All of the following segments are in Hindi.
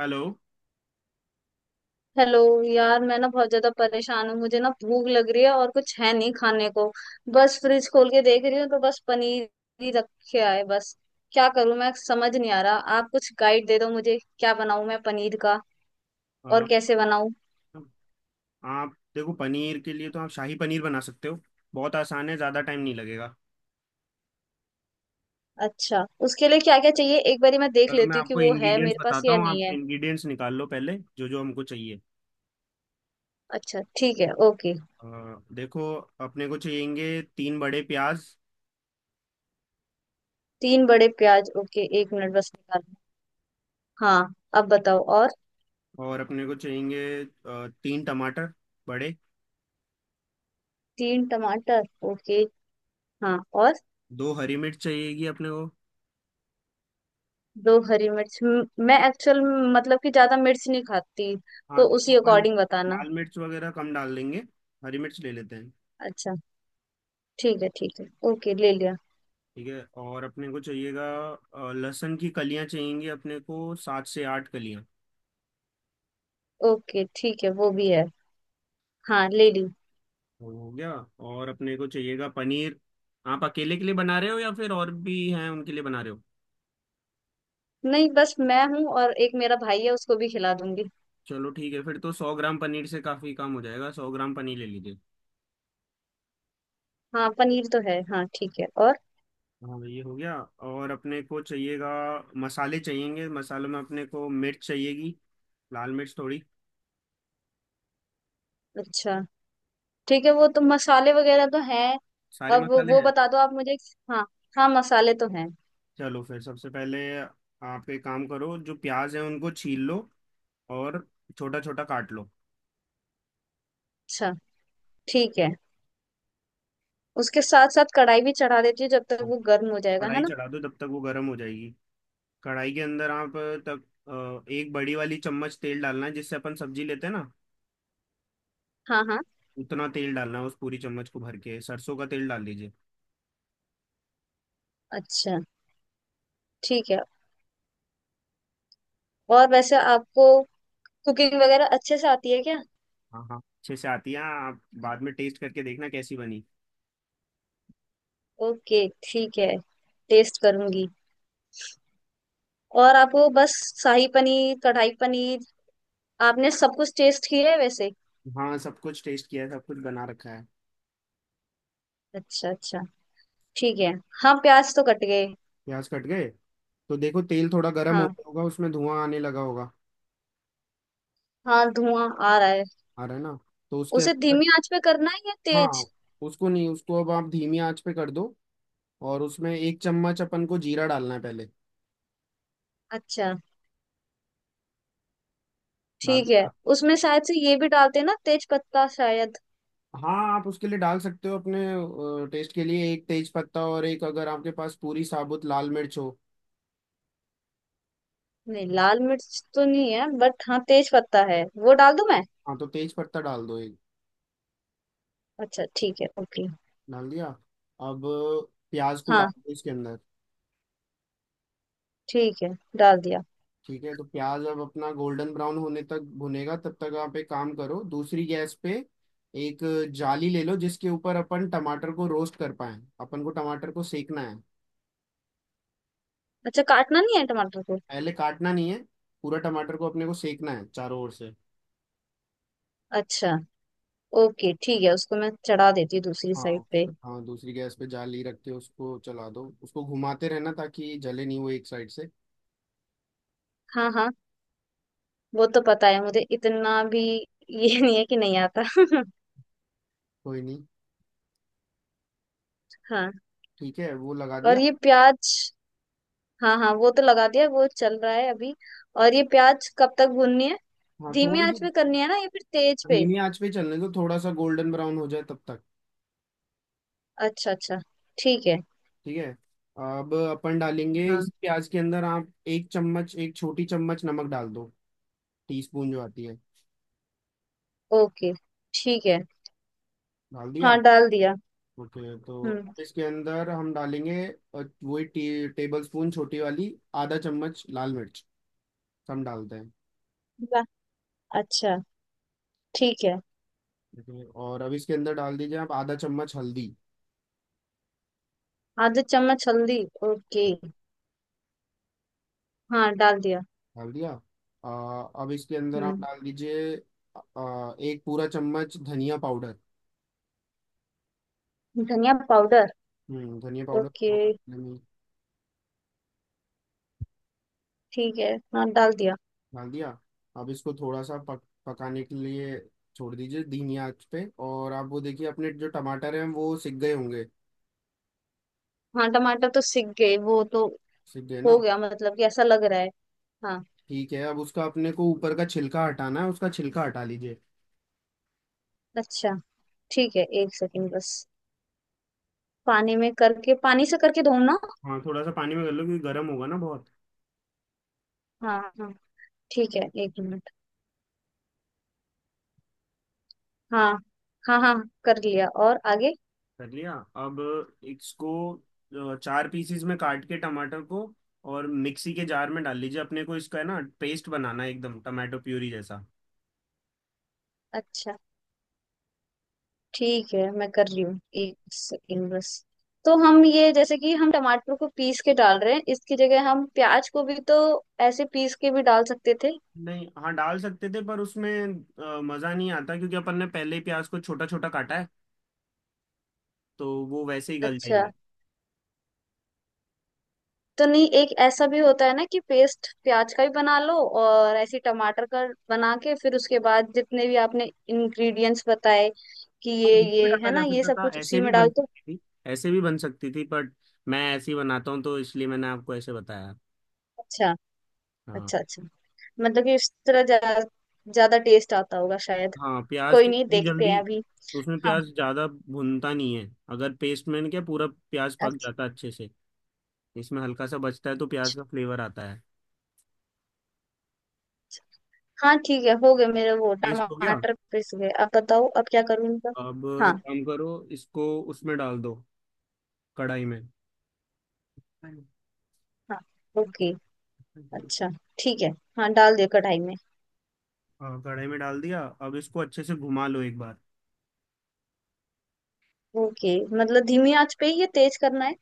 हेलो। हेलो यार, मैं ना बहुत ज्यादा परेशान हूँ। मुझे ना भूख लग रही है और कुछ है नहीं खाने को। बस फ्रिज खोल के देख रही हूँ तो बस पनीर ही रखे आए बस। क्या करूँ मैं, समझ नहीं आ रहा। आप कुछ गाइड दे दो, मुझे क्या बनाऊँ मैं पनीर का अ, और कैसे बनाऊँ? आप देखो पनीर के लिए तो आप शाही पनीर बना सकते हो। बहुत आसान है, ज़्यादा टाइम नहीं लगेगा। अच्छा, उसके लिए क्या क्या चाहिए? एक बारी मैं देख चलो मैं लेती हूँ कि आपको वो है इंग्रेडिएंट्स मेरे पास बताता या हूँ, नहीं आप है। इंग्रेडिएंट्स निकाल लो पहले जो जो हमको चाहिए। अच्छा ठीक है, ओके। अ, देखो, अपने को चाहिएंगे तीन बड़े प्याज। तीन बड़े प्याज, ओके, एक मिनट बस निकाल। हाँ, अब बताओ और। और अपने को चाहिएंगे तीन टमाटर बड़े। तीन टमाटर, ओके। हाँ, और? दो हरी मिर्च चाहिएगी अपने को। दो हरी मिर्च, मैं एक्चुअल मतलब कि ज्यादा मिर्च नहीं खाती, हाँ तो तो उसी अपन अकॉर्डिंग बताना। लाल मिर्च वगैरह कम डाल देंगे, हरी मिर्च ले लेते हैं। अच्छा ठीक है, ठीक है। ओके, ले लिया। ठीक है, और अपने को चाहिएगा लहसुन की कलियाँ चाहिएंगी अपने को, सात से आठ कलियाँ। ओके ठीक है, वो भी है। हाँ, ले ली। वो हो गया। और अपने को चाहिएगा पनीर। आप अकेले के लिए बना रहे हो या फिर और भी हैं उनके लिए बना रहे हो? नहीं, बस मैं हूँ और एक मेरा भाई है, उसको भी खिला दूंगी। चलो ठीक है, फिर तो 100 ग्राम पनीर से काफी काम हो जाएगा, 100 ग्राम पनीर ले लीजिए। हाँ, पनीर तो है, हाँ ठीक है, और? हाँ, ये हो गया। और अपने को चाहिएगा मसाले, चाहिएंगे मसालों में। अपने को मिर्च चाहिएगी, लाल मिर्च थोड़ी। अच्छा ठीक है, वो तो मसाले वगैरह तो हैं। सारे अब मसाले वो हैं। बता दो आप मुझे। हाँ हाँ, मसाले तो हैं। चलो फिर सबसे पहले आप एक काम करो, जो प्याज है उनको छील लो, और छोटा छोटा काट लो। अच्छा ठीक है। उसके साथ साथ कढ़ाई भी चढ़ा देती हूँ, जब तक हाँ। वो गर्म हो जाएगा, है कढ़ाई ना? चढ़ा दो तब तक वो गर्म हो जाएगी। कढ़ाई के अंदर आप तब एक बड़ी वाली चम्मच तेल डालना है, जिससे अपन सब्जी लेते हैं ना, हाँ। हाँ, उतना तेल डालना है, उस पूरी चम्मच को भर के सरसों का तेल डाल दीजिए। अच्छा ठीक है। और वैसे आपको कुकिंग वगैरह अच्छे से आती है क्या? हाँ हाँ अच्छे से आती है, आप बाद में टेस्ट करके देखना कैसी बनी। ओके ठीक है, टेस्ट करूंगी। और आपको बस शाही पनीर, कढ़ाई पनीर, आपने सब कुछ टेस्ट किया है वैसे? हाँ सब कुछ टेस्ट किया है, सब कुछ बना रखा है। अच्छा अच्छा, ठीक है। हाँ, प्याज तो कट गए। प्याज कट गए। तो देखो तेल थोड़ा गर्म हो हाँ गया होगा, उसमें धुआं आने लगा होगा। हाँ, धुआं आ रहा है। आ रहा है ना? तो उसके उसे अंदर। धीमी आंच पे करना है या तेज? हाँ, उसको नहीं, उसको अब आप धीमी आंच पे कर दो, और उसमें एक चम्मच अपन को जीरा डालना है पहले। अच्छा डाल ठीक है। दिया? उसमें शायद से ये भी डालते हैं ना, तेज पत्ता शायद। हाँ आप उसके लिए डाल सकते हो अपने टेस्ट के लिए एक तेज पत्ता, और एक अगर आपके पास पूरी साबुत लाल मिर्च हो। नहीं, लाल मिर्च तो नहीं है बट हाँ तेज पत्ता है, वो डाल दूं मैं? हाँ तो तेज पत्ता डाल दो एक। अच्छा ठीक है, ओके। डाल दिया। अब प्याज को हाँ डाल दो इसके अंदर। ठीक है, डाल दिया। ठीक है, तो प्याज अब अपना गोल्डन ब्राउन होने तक भुनेगा। तब तक आप एक काम करो, दूसरी गैस पे एक जाली ले लो जिसके ऊपर अपन टमाटर को रोस्ट कर पाए, अपन को टमाटर को सेकना है। अच्छा, काटना नहीं है टमाटर को? पहले काटना नहीं है, पूरा टमाटर को अपने को सेकना है चारों ओर से। अच्छा, ओके ठीक है। उसको मैं चढ़ा देती हूँ दूसरी हाँ साइड पे। हाँ दूसरी गैस पे जाली रख के उसको चला दो, उसको घुमाते रहना ताकि जले नहीं वो एक साइड से। हाँ हाँ, वो तो पता है मुझे, इतना भी ये नहीं है कि नहीं आता कोई नहीं। हाँ, ठीक है वो लगा और दिया। ये प्याज। हाँ हाँ, वो तो लगा दिया, वो चल रहा है अभी। और ये प्याज कब तक भूननी है? हाँ धीमी थोड़ी सी आंच पे करनी है ना या फिर तेज पे? धीमी आंच पे चलने दो, थोड़ा सा गोल्डन ब्राउन हो जाए तब तक। अच्छा अच्छा, ठीक है। ठीक है। अब अपन डालेंगे इस हाँ। प्याज के अंदर। आप एक चम्मच, एक छोटी चम्मच नमक डाल दो, टीस्पून जो आती है। ओके, ठीक है। डाल दिया। हाँ, डाल दिया। ओके, तो हम्म। अब इसके अंदर हम डालेंगे वही टेबल स्पून छोटी वाली, आधा चम्मच लाल मिर्च हम डालते हैं। वाह, अच्छा ठीक है। देखिए, और अब इसके अंदर डाल दीजिए आप आधा चम्मच हल्दी। आधा चम्मच हल्दी, ओके। हाँ, डाल दिया। डाल दिया। अब इसके अंदर आप हम्म, डाल दीजिए एक पूरा चम्मच धनिया पाउडर। धनिया पाउडर, धनिया पाउडर ओके थोड़ा सा में। ठीक है। हाँ, डाल दिया। डाल दिया। अब इसको थोड़ा सा पकाने के लिए छोड़ दीजिए धीमी आंच पे, और आप वो देखिए अपने जो टमाटर हैं वो सिक गए होंगे। हाँ, टमाटर तो सिक गए वो तो, सिक गए हो ना? गया, मतलब कि ऐसा लग रहा है। हाँ, ठीक है, अब उसका अपने को ऊपर का छिलका हटाना है, उसका छिलका हटा लीजिए। अच्छा ठीक है, एक सेकंड बस। पानी में करके, पानी से करके धो ना? हाँ थोड़ा सा पानी में कर लो क्योंकि गर्म होगा ना बहुत। हाँ हाँ, ठीक है, एक मिनट। हाँ। हाँ हाँ, कर लिया, और आगे? कर लिया। अब इसको चार पीसीज में काट के टमाटर को, और मिक्सी के जार में डाल लीजिए। अपने को इसका है ना पेस्ट बनाना है, एकदम टमाटो प्यूरी जैसा। अच्छा ठीक है, मैं कर रही हूँ, एक सेकंड बस। तो हम ये जैसे कि हम टमाटर को पीस के डाल रहे हैं, इसकी जगह हम प्याज को भी तो ऐसे पीस के भी डाल सकते थे। नहीं हाँ डाल सकते थे, पर उसमें मज़ा नहीं आता क्योंकि अपन ने पहले ही प्याज को छोटा छोटा काटा है, तो वो वैसे ही गल अच्छा। जाएंगे। तो नहीं, एक ऐसा भी होता है ना कि पेस्ट प्याज का भी बना लो और ऐसे टमाटर का बना के, फिर उसके बाद जितने भी आपने इंग्रेडिएंट्स बताए कि हाँ उनको भी ये डाला है ना जा ये सकता सब था, कुछ उसी ऐसे भी में बन डाल दो। सकती थी। ऐसे भी बन सकती थी, बट मैं ऐसे ही बनाता हूँ, तो इसलिए मैंने आपको ऐसे बताया। अच्छा। अच्छा हाँ। अच्छा, मतलब कि इस तरह ज्यादा टेस्ट आता होगा शायद। हाँ प्याज कोई के नहीं, इतनी देखते जल्दी हैं अभी। उसमें हाँ। प्याज ज़्यादा भुनता नहीं है। अगर पेस्ट में क्या पूरा प्याज पक अच्छा। जाता है अच्छे से, इसमें हल्का सा बचता है तो प्याज अच्छा। का फ्लेवर आता है। हाँ ठीक है, हो गए मेरे वो पेस्ट हो गया। टमाटर, पिस गए, अब बताओ अब क्या करूँ इनका? अब हाँ। एक काम करो, इसको उसमें डाल दो, कढ़ाई में। हाँ ओके, अच्छा ठीक है। हाँ, डाल दिया कढ़ाई में। हाँ कढ़ाई में डाल दिया, अब इसको अच्छे से घुमा लो एक बार। ओके, मतलब धीमी आंच पे ही ये तेज करना है?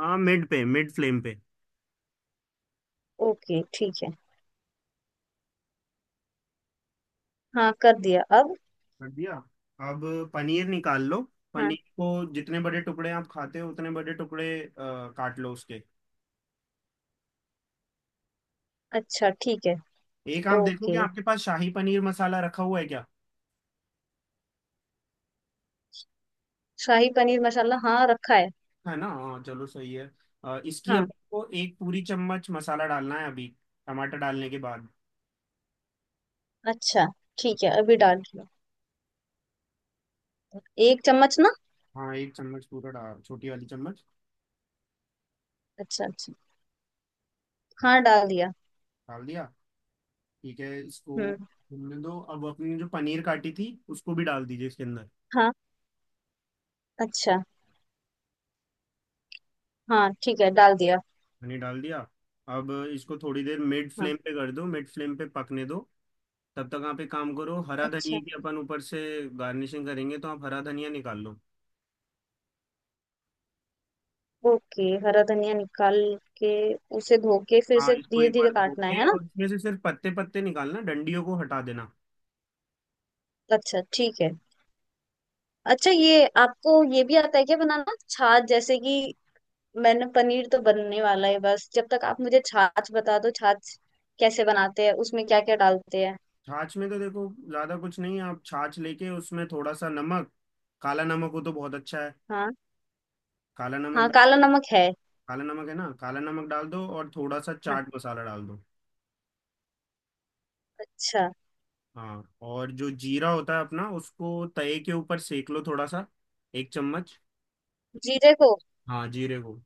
हाँ, मिड पे, मिड फ्लेम पे। ओके ठीक है। हाँ, कर दिया अब। कर दिया। अब पनीर निकाल लो, हाँ। पनीर को जितने बड़े टुकड़े आप खाते हो उतने बड़े टुकड़े काट लो उसके। अच्छा ठीक है, एक आप देखो कि ओके। आपके पास शाही पनीर मसाला रखा हुआ है क्या। शाही पनीर मसाला, हाँ रखा है। है ना, हाँ चलो सही है। इसकी अब हाँ। आपको एक पूरी चम्मच मसाला डालना है अभी टमाटर डालने के बाद। अच्छा ठीक है, अभी डाल दिया। एक चम्मच ना? हाँ एक चम्मच पूरा डाल, छोटी वाली चम्मच। अच्छा अच्छा, हाँ, डाल दिया। डाल दिया। ठीक है, इसको हम्म। घूमने दो, अब अपनी जो पनीर काटी थी उसको भी डाल दीजिए इसके अंदर। हाँ। अच्छा। हाँ ठीक है, डाल दिया। पनीर डाल दिया। अब इसको थोड़ी देर मिड हाँ। फ्लेम पे कर दो, मिड फ्लेम पे पकने दो। तब तक आप एक काम करो, हरा अच्छा। धनिया की अपन ऊपर से गार्निशिंग करेंगे, तो आप हरा धनिया निकाल लो। ओके, हरा धनिया निकाल के उसे धो के फिर हाँ से इसको धीरे एक धीरे बार धो काटना है के, है ना? और इसमें से सिर्फ पत्ते पत्ते निकालना, डंडियों को हटा देना। अच्छा ठीक है। अच्छा, ये आपको ये भी आता है क्या बनाना, छाछ, जैसे कि मैंने पनीर तो बनने वाला है, बस जब तक आप मुझे छाछ बता दो, छाछ कैसे बनाते हैं, उसमें क्या क्या डालते हैं? छाछ में तो देखो ज्यादा कुछ नहीं है, आप छाछ लेके उसमें थोड़ा सा नमक, काला नमक हो तो बहुत अच्छा है। हाँ। काला नमक हाँ, काला नमक है। काला नमक है ना, काला नमक डाल दो, और थोड़ा सा हाँ, चाट मसाला डाल दो। अच्छा। हाँ, और जो जीरा होता है अपना, उसको तवे के ऊपर सेक लो थोड़ा सा, एक चम्मच। जीरे को? हाँ जीरे को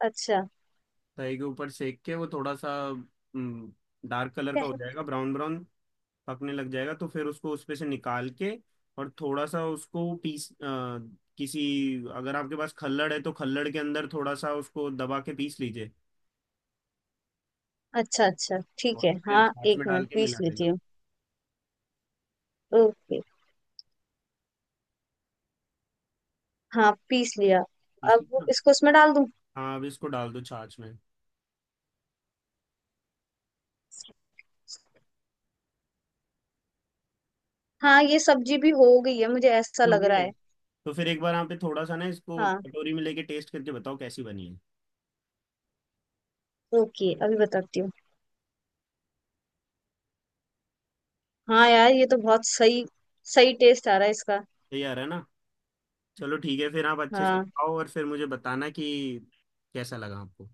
अच्छा। तवे के ऊपर सेक के वो थोड़ा सा डार्क कलर का कह- हो जाएगा, ब्राउन ब्राउन पकने लग जाएगा, तो फिर उसको उसमें से निकाल के और थोड़ा सा उसको पीस किसी, अगर आपके पास खल्लड़ है तो खल्लड़ के अंदर थोड़ा सा उसको दबा के पीस लीजिए, अच्छा अच्छा ठीक और है, फिर हाँ, छाछ एक में डाल मिनट के पीस मिला लेती देना। हूँ। ओके। हाँ, पीस लिया। पीस अब लीजिए ना। इसको उसमें डाल दूँ? हाँ अब इसको डाल दो छाछ में। हाँ, ये सब्जी भी हो गई है, मुझे ऐसा हो लग गई रहा है, है। तो फिर एक बार आप पे थोड़ा सा ना इसको हाँ कटोरी में लेके टेस्ट करके बताओ कैसी बनी है। ओके, अभी बताती हूँ। हाँ यार, ये तो बहुत सही, सही टेस्ट आ रहा है इसका। तैयार है ना? चलो ठीक है, फिर आप अच्छे से हाँ खाओ और फिर मुझे बताना कि कैसा लगा आपको।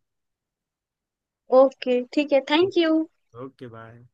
ओके ठीक है, थैंक यू। Okay bye.